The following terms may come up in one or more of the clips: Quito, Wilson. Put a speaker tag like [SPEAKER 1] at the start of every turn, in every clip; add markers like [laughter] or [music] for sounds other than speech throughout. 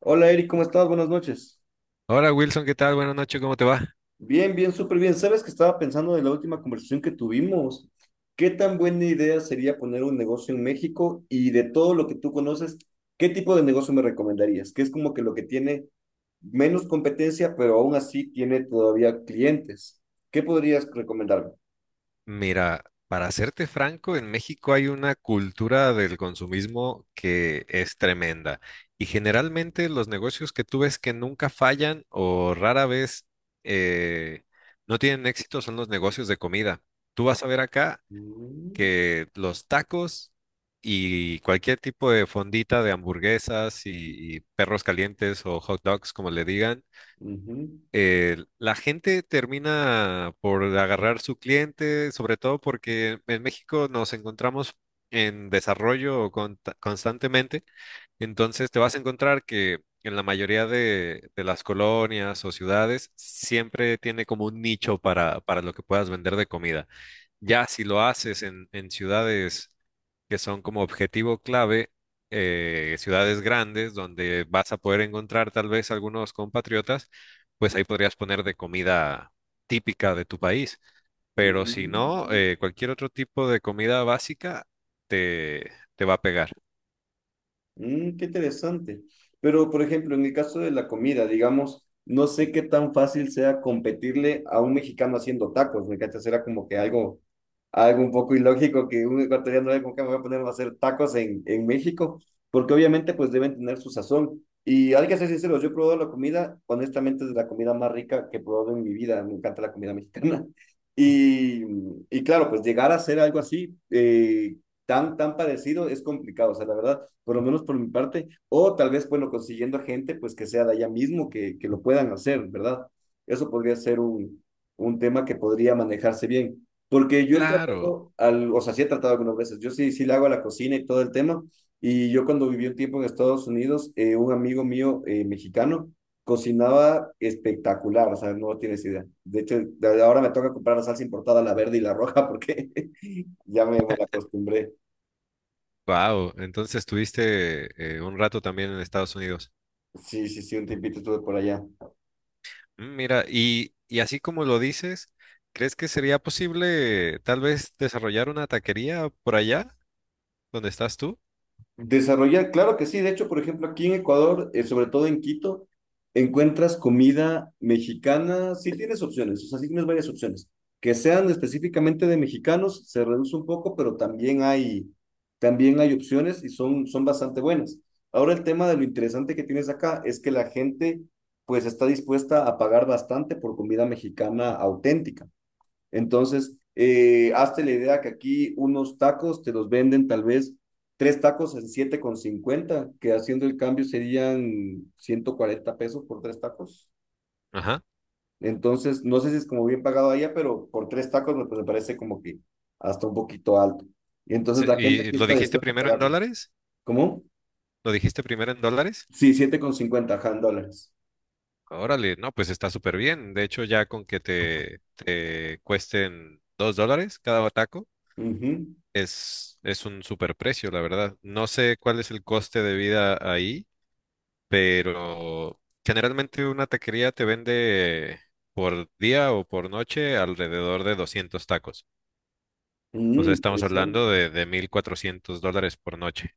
[SPEAKER 1] Hola Eric, ¿cómo estás? Buenas noches.
[SPEAKER 2] Hola Wilson, ¿qué tal? Buenas noches, ¿cómo te va?
[SPEAKER 1] Bien, bien, súper bien. ¿Sabes que estaba pensando de la última conversación que tuvimos? ¿Qué tan buena idea sería poner un negocio en México? Y de todo lo que tú conoces, ¿qué tipo de negocio me recomendarías? Que es como que lo que tiene menos competencia, pero aún así tiene todavía clientes. ¿Qué podrías recomendarme?
[SPEAKER 2] Mira, para serte franco, en México hay una cultura del consumismo que es tremenda y generalmente los negocios que tú ves que nunca fallan o rara vez eh, no tienen éxito son los negocios de comida. Tú vas a ver acá
[SPEAKER 1] Mm,
[SPEAKER 2] que los tacos y cualquier tipo de fondita de hamburguesas y perros calientes o hot dogs, como le digan,
[SPEAKER 1] ujú,
[SPEAKER 2] la gente termina por agarrar su cliente, sobre todo porque en México nos encontramos en desarrollo constantemente. Entonces te vas a encontrar que en la mayoría de las colonias o ciudades siempre tiene como un nicho para lo que puedas vender de comida. Ya si lo haces en ciudades que son como objetivo clave, ciudades grandes donde vas a poder encontrar tal vez algunos compatriotas, pues ahí podrías poner de comida típica de tu país. Pero si no,
[SPEAKER 1] mm.
[SPEAKER 2] cualquier otro tipo de comida básica te, te va a pegar.
[SPEAKER 1] Mm, qué interesante. Pero, por ejemplo, en el caso de la comida, digamos, no sé qué tan fácil sea competirle a un mexicano haciendo tacos, ¿me cachas? Era como que algo, un poco ilógico que un ecuatoriano era como que me voy a poner a hacer tacos en México, porque obviamente pues deben tener su sazón. Y hay que ser sinceros, yo he probado la comida, honestamente es de la comida más rica que he probado en mi vida, me encanta la comida mexicana. [laughs] Y, y claro, pues llegar a hacer algo así, tan parecido, es complicado, o sea, la verdad por lo menos por mi parte, o tal vez, bueno, consiguiendo gente, pues que sea de allá mismo, que lo puedan hacer, ¿verdad? Eso podría ser un tema que podría manejarse bien, porque yo he
[SPEAKER 2] Claro,
[SPEAKER 1] tratado, o sea, sí he tratado algunas veces, yo sí le hago a la cocina y todo el tema, y yo cuando viví un tiempo en Estados Unidos, un amigo mío mexicano cocinaba espectacular, o sea, no tienes idea. De hecho, de ahora me toca comprar la salsa importada, la verde y la roja, porque [laughs] ya me mal acostumbré.
[SPEAKER 2] wow. Entonces estuviste, un rato también en Estados Unidos.
[SPEAKER 1] Sí, sí, sí, un tiempito estuve por allá.
[SPEAKER 2] Mm. Mira, y así como lo dices, ¿crees que sería posible tal vez desarrollar una taquería por allá donde estás tú?
[SPEAKER 1] Desarrollar, claro que sí. De hecho, por ejemplo, aquí en Ecuador, sobre todo en Quito, encuentras comida mexicana. Sí tienes opciones, o sea, sí tienes varias opciones. Que sean específicamente de mexicanos, se reduce un poco, pero también hay opciones y son bastante buenas. Ahora el tema de lo interesante que tienes acá es que la gente pues está dispuesta a pagar bastante por comida mexicana auténtica. Entonces, hazte la idea que aquí unos tacos te los venden tal vez tres tacos en 7,50 que haciendo el cambio serían 140 pesos por tres tacos.
[SPEAKER 2] Ajá.
[SPEAKER 1] Entonces, no sé si es como bien pagado allá, pero por tres tacos me, pues, me parece como que hasta un poquito alto. Y entonces la gente
[SPEAKER 2] ¿Y
[SPEAKER 1] aquí
[SPEAKER 2] lo
[SPEAKER 1] está
[SPEAKER 2] dijiste
[SPEAKER 1] dispuesta a
[SPEAKER 2] primero en
[SPEAKER 1] pagarlo.
[SPEAKER 2] dólares?
[SPEAKER 1] ¿Cómo?
[SPEAKER 2] ¿Lo dijiste primero en dólares?
[SPEAKER 1] Sí, 7,50, ajá, en dólares.
[SPEAKER 2] Órale, no, pues está súper bien. De hecho, ya con que te cuesten 2 dólares cada taco,
[SPEAKER 1] Ujú.
[SPEAKER 2] es un súper precio, la verdad. No sé cuál es el coste de vida ahí, pero generalmente una taquería te vende por día o por noche alrededor de 200 tacos. O
[SPEAKER 1] Mm,
[SPEAKER 2] sea, estamos
[SPEAKER 1] interesante.
[SPEAKER 2] hablando de 1.400 dólares por noche.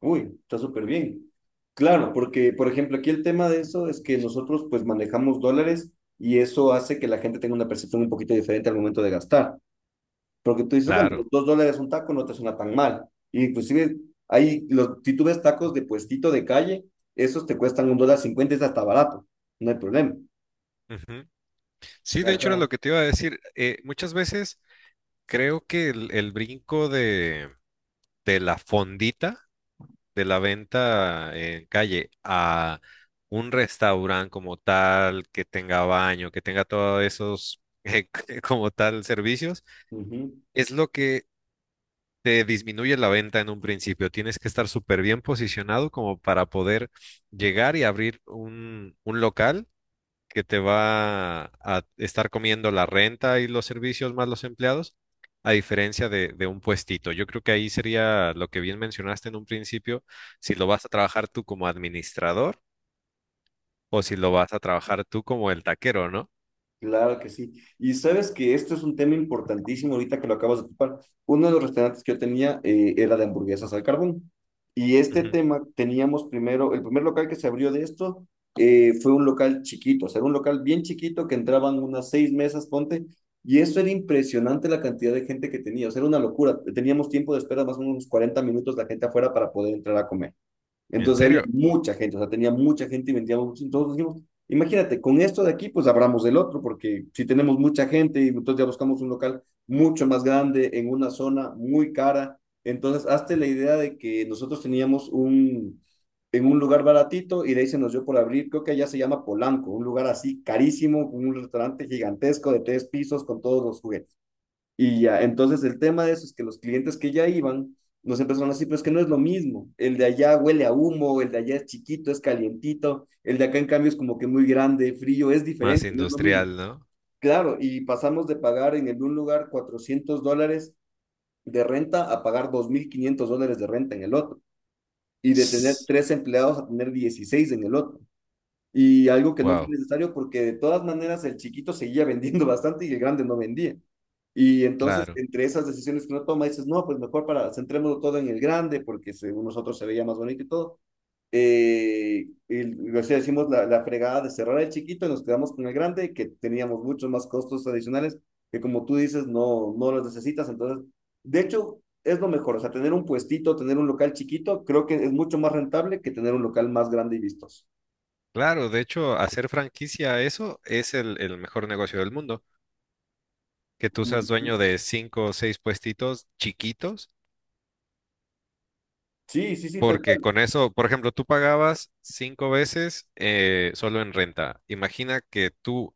[SPEAKER 1] Uy, está súper bien. Claro, porque, por ejemplo, aquí el tema de eso es que nosotros pues manejamos dólares y eso hace que la gente tenga una percepción un poquito diferente al momento de gastar. Porque tú dices, bueno, pues,
[SPEAKER 2] Claro.
[SPEAKER 1] 2 dólares un taco no te suena tan mal. Y inclusive ahí, los, si tú ves tacos de puestito de calle, esos te cuestan 1,50 dólares, es hasta barato, no hay problema.
[SPEAKER 2] Ujú. Sí, de hecho era
[SPEAKER 1] Ajá.
[SPEAKER 2] lo que te iba a decir. Muchas veces creo que el brinco de la fondita, de la venta en calle a un restaurante como tal, que tenga baño, que tenga todos esos [laughs] como tal servicios,
[SPEAKER 1] Ujú.
[SPEAKER 2] es lo que te disminuye la venta en un principio. Tienes que estar súper bien posicionado como para poder llegar y abrir un local que te va a estar comiendo la renta y los servicios más los empleados, a diferencia de un puestito. Yo creo que ahí sería lo que bien mencionaste en un principio, si lo vas a trabajar tú como administrador o si lo vas a trabajar tú como el taquero, ¿no?
[SPEAKER 1] Claro que sí. Y sabes que esto es un tema importantísimo ahorita que lo acabas de ocupar. Uno de los restaurantes que yo tenía era de hamburguesas al carbón. Y este
[SPEAKER 2] Ujú.
[SPEAKER 1] tema teníamos primero, el primer local que se abrió de esto fue un local chiquito, o sea, era un local bien chiquito que entraban unas seis mesas, ponte. Y eso era impresionante la cantidad de gente que tenía, o sea, era una locura. Teníamos tiempo de espera más o menos unos 40 minutos la gente afuera para poder entrar a comer.
[SPEAKER 2] ¿En
[SPEAKER 1] Entonces había
[SPEAKER 2] serio?
[SPEAKER 1] mucha gente, o sea, tenía mucha gente y vendíamos mucho. Entonces dijimos, imagínate, con esto de aquí, pues abramos el otro, porque si tenemos mucha gente y entonces ya buscamos un local mucho más grande en una zona muy cara. Entonces, hazte la idea de que nosotros teníamos en un lugar baratito y de ahí se nos dio por abrir, creo que allá se llama Polanco, un lugar así carísimo, con un restaurante gigantesco de tres pisos con todos los juguetes. Y ya, entonces el tema de eso es que los clientes que ya iban nos empezaron así, pero es que no es lo mismo. El de allá huele a humo, el de allá es chiquito, es calientito, el de acá en cambio es como que muy grande, frío, es
[SPEAKER 2] Más
[SPEAKER 1] diferente, no es lo mismo.
[SPEAKER 2] industrial, ¿no?
[SPEAKER 1] Claro, y pasamos de pagar en el un lugar 400 dólares de renta a pagar 2.500 dólares de renta en el otro, y de tener tres empleados a tener 16 en el otro. Y algo que no fue
[SPEAKER 2] Wow,
[SPEAKER 1] necesario porque de todas maneras el chiquito seguía [laughs] vendiendo bastante y el grande no vendía. Y entonces,
[SPEAKER 2] claro.
[SPEAKER 1] entre esas decisiones que uno toma, dices, no, pues mejor para, centrémonos todo en el grande, porque según nosotros se veía más bonito y todo. Y, o sea, hicimos la fregada de cerrar el chiquito y nos quedamos con el grande, que teníamos muchos más costos adicionales, que como tú dices, no, no los necesitas. Entonces, de hecho, es lo mejor. O sea, tener un puestito, tener un local chiquito, creo que es mucho más rentable que tener un local más grande y vistoso.
[SPEAKER 2] Claro, de hecho, hacer franquicia a eso es el mejor negocio del mundo, que tú seas dueño de cinco o seis puestitos chiquitos,
[SPEAKER 1] Sí, sí, sí, tal
[SPEAKER 2] porque
[SPEAKER 1] cual.
[SPEAKER 2] con eso, por ejemplo, tú pagabas cinco veces, solo en renta. Imagina que tú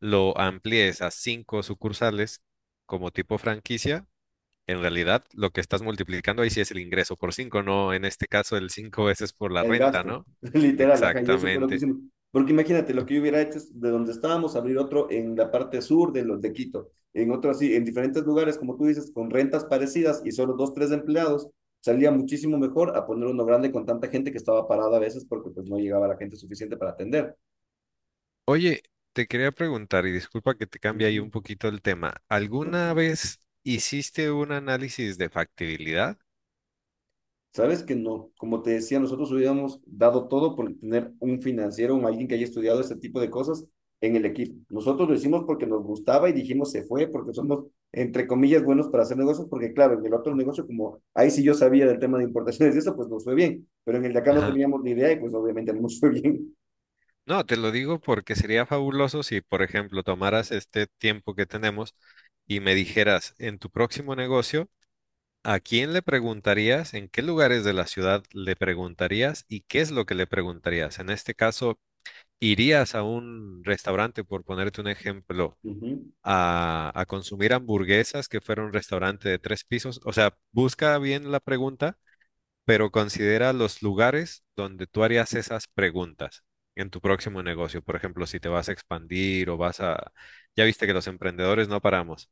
[SPEAKER 2] lo amplíes a cinco sucursales como tipo franquicia. En realidad, lo que estás multiplicando ahí sí es el ingreso por cinco, no en este caso el cinco veces por la
[SPEAKER 1] El
[SPEAKER 2] renta,
[SPEAKER 1] gasto,
[SPEAKER 2] ¿no?
[SPEAKER 1] [laughs] literal, ajá, y eso fue lo que
[SPEAKER 2] Exactamente.
[SPEAKER 1] hicimos. Porque imagínate, lo que yo hubiera hecho es de donde estábamos, abrir otro en la parte sur de los de Quito, en otro así, en diferentes lugares, como tú dices, con rentas parecidas y solo dos, tres empleados, salía muchísimo mejor a poner uno grande con tanta gente que estaba parada a veces porque pues no llegaba la gente suficiente para atender.
[SPEAKER 2] Oye, te quería preguntar, y disculpa que te cambie ahí un poquito el tema. ¿Alguna
[SPEAKER 1] Ujú.
[SPEAKER 2] vez hiciste un análisis de factibilidad?
[SPEAKER 1] Sabes que no, como te decía, nosotros hubiéramos dado todo por tener un financiero, un alguien que haya estudiado este tipo de cosas en el equipo. Nosotros lo hicimos porque nos gustaba y dijimos se fue porque somos, entre comillas, buenos para hacer negocios, porque claro, en el otro negocio, como ahí sí yo sabía del tema de importaciones y eso, pues nos fue bien, pero en el de acá no
[SPEAKER 2] Ajá.
[SPEAKER 1] teníamos ni idea y pues obviamente no nos fue bien.
[SPEAKER 2] No, te lo digo porque sería fabuloso si, por ejemplo, tomaras este tiempo que tenemos y me dijeras en tu próximo negocio, ¿a quién le preguntarías? ¿En qué lugares de la ciudad le preguntarías? ¿Y qué es lo que le preguntarías? En este caso, ¿irías a un restaurante, por ponerte un ejemplo,
[SPEAKER 1] Ujú.
[SPEAKER 2] a consumir hamburguesas, que fuera un restaurante de tres pisos? O sea, busca bien la pregunta, pero considera los lugares donde tú harías esas preguntas en tu próximo negocio. Por ejemplo, si te vas a expandir o vas a... Ya viste que los emprendedores no paramos.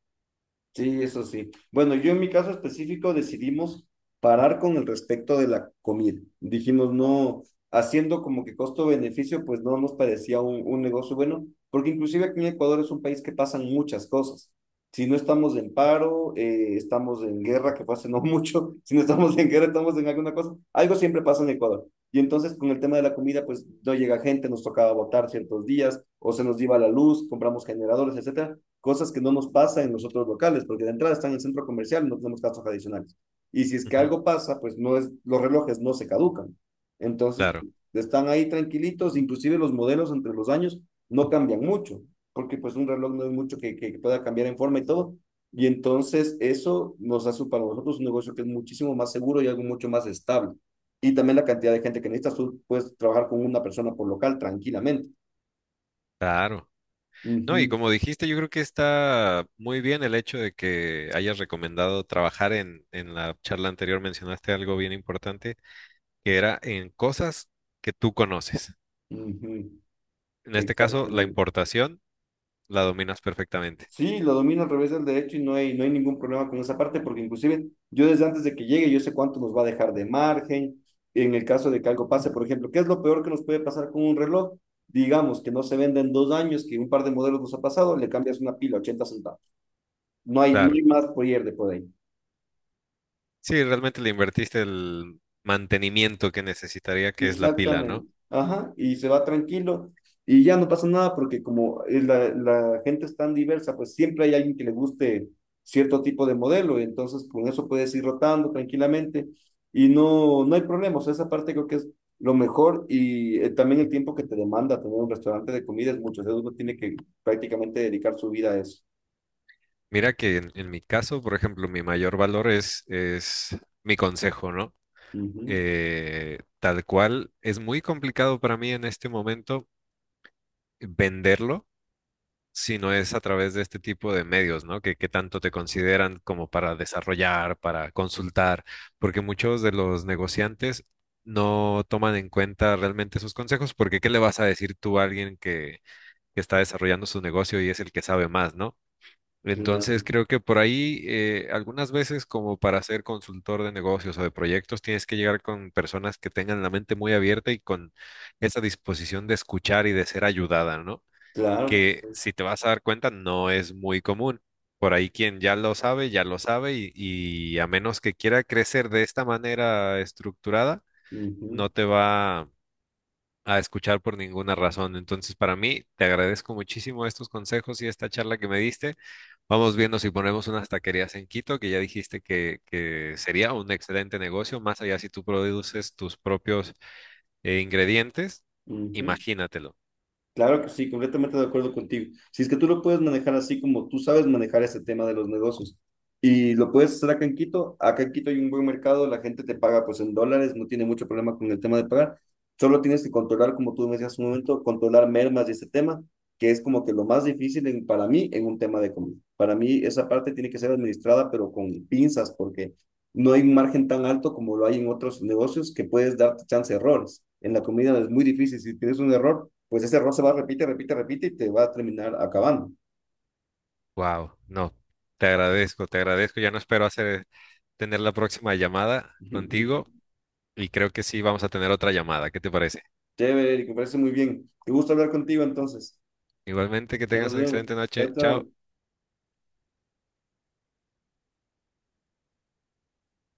[SPEAKER 1] Sí, eso sí. Bueno, yo en mi caso específico decidimos parar con el respecto de la comida. Dijimos, no, haciendo como que costo-beneficio, pues no nos parecía un negocio bueno, porque inclusive aquí en Ecuador es un país que pasan muchas cosas. Si no estamos en paro, estamos en guerra, que pase no mucho, [laughs] si no estamos en guerra, estamos en alguna cosa, algo siempre pasa en Ecuador. Y entonces con el tema de la comida, pues no llega gente, nos tocaba votar ciertos días, o se nos iba la luz, compramos generadores, etcétera cosas que no nos pasa en los otros locales, porque de entrada están en el centro comercial, no tenemos casos adicionales. Y si es que
[SPEAKER 2] Ujú.
[SPEAKER 1] algo pasa, pues no es, los relojes no se caducan. Entonces,
[SPEAKER 2] Claro,
[SPEAKER 1] están ahí tranquilitos, inclusive los modelos entre los años no cambian mucho, porque pues un reloj no es mucho que pueda cambiar en forma y todo. Y entonces eso nos hace para nosotros un negocio que es muchísimo más seguro y algo mucho más estable. Y también la cantidad de gente que necesitas, tú puedes trabajar con una persona por local tranquilamente.
[SPEAKER 2] claro.
[SPEAKER 1] Uh
[SPEAKER 2] No, y
[SPEAKER 1] -huh,
[SPEAKER 2] como dijiste, yo creo que está muy bien el hecho de que hayas recomendado trabajar en, la charla anterior, mencionaste algo bien importante, que era en cosas que tú conoces.
[SPEAKER 1] uh -huh.
[SPEAKER 2] En este caso, la
[SPEAKER 1] Exactamente.
[SPEAKER 2] importación la dominas perfectamente.
[SPEAKER 1] Sí, lo domino al revés del derecho y no, hay, no hay ningún problema con esa parte, porque inclusive yo desde antes de que llegue, yo sé cuánto nos va a dejar de margen en el caso de que algo pase, por ejemplo, ¿qué es lo peor que nos puede pasar con un reloj? Digamos que no se venda en 2 años, que un par de modelos nos ha pasado, le cambias una pila, 80 centavos. No hay, no
[SPEAKER 2] Claro.
[SPEAKER 1] hay más pierde por ahí.
[SPEAKER 2] Sí, realmente le invertiste el mantenimiento que necesitaría, que es la pila,
[SPEAKER 1] Exactamente.
[SPEAKER 2] ¿no?
[SPEAKER 1] Ajá, y se va tranquilo y ya no pasa nada porque como es la gente es tan diversa, pues siempre hay alguien que le guste cierto tipo de modelo y entonces con eso puedes ir rotando tranquilamente y no, no hay problemas. O sea, esa parte creo que es lo mejor y también el tiempo que te demanda tener un restaurante de comida es mucho. O sea, uno tiene que prácticamente dedicar su vida a eso.
[SPEAKER 2] Mira que en mi caso, por ejemplo, mi mayor valor es mi consejo, ¿no?
[SPEAKER 1] Ujú,
[SPEAKER 2] Tal cual, es muy complicado para mí en este momento venderlo sino es a través de este tipo de medios, ¿no? Que tanto te consideran como para desarrollar, para consultar, porque muchos de los negociantes no toman en cuenta realmente sus consejos, porque ¿qué le vas a decir tú a alguien que está desarrollando su negocio y es el que sabe más, ¿no? Entonces
[SPEAKER 1] claro,
[SPEAKER 2] creo que por ahí, algunas veces como para ser consultor de negocios o de proyectos tienes que llegar con personas que tengan la mente muy abierta y con esa disposición de escuchar y de ser ayudada, ¿no?
[SPEAKER 1] claro que sí.
[SPEAKER 2] Que si te vas a dar cuenta no es muy común. Por ahí quien ya lo sabe y a menos que quiera crecer de esta manera estructurada, no
[SPEAKER 1] Ujú,
[SPEAKER 2] te va a escuchar por ninguna razón. Entonces, para mí, te agradezco muchísimo estos consejos y esta charla que me diste. Vamos viendo si ponemos unas taquerías en Quito, que ya dijiste que sería un excelente negocio, más allá si tú produces tus propios, ingredientes,
[SPEAKER 1] ujú.
[SPEAKER 2] imagínatelo.
[SPEAKER 1] Claro que sí, completamente de acuerdo contigo. Si es que tú lo puedes manejar así como tú sabes manejar ese tema de los negocios y lo puedes hacer acá en Quito hay un buen mercado, la gente te paga pues en dólares, no tiene mucho problema con el tema de pagar, solo tienes que controlar, como tú me decías hace un momento, controlar mermas y ese tema, que es como que lo más difícil para mí en un tema de comida. Para mí esa parte tiene que ser administrada pero con pinzas porque no hay un margen tan alto como lo hay en otros negocios que puedes darte chance de errores. En la comida es muy difícil, si tienes un error pues ese error se va, repite, repite, repite y te va a terminar acabando.
[SPEAKER 2] Wow, no, te agradezco, te agradezco. Ya no espero hacer tener la próxima llamada contigo
[SPEAKER 1] [laughs]
[SPEAKER 2] y creo que sí vamos a tener otra llamada. ¿Qué te parece?
[SPEAKER 1] Chévere, Eric, me parece muy bien. Qué gusto hablar contigo entonces.
[SPEAKER 2] Igualmente, que
[SPEAKER 1] Ya
[SPEAKER 2] tengas
[SPEAKER 1] nos
[SPEAKER 2] una
[SPEAKER 1] vemos.
[SPEAKER 2] excelente
[SPEAKER 1] Chao,
[SPEAKER 2] noche. Chao.
[SPEAKER 1] chao.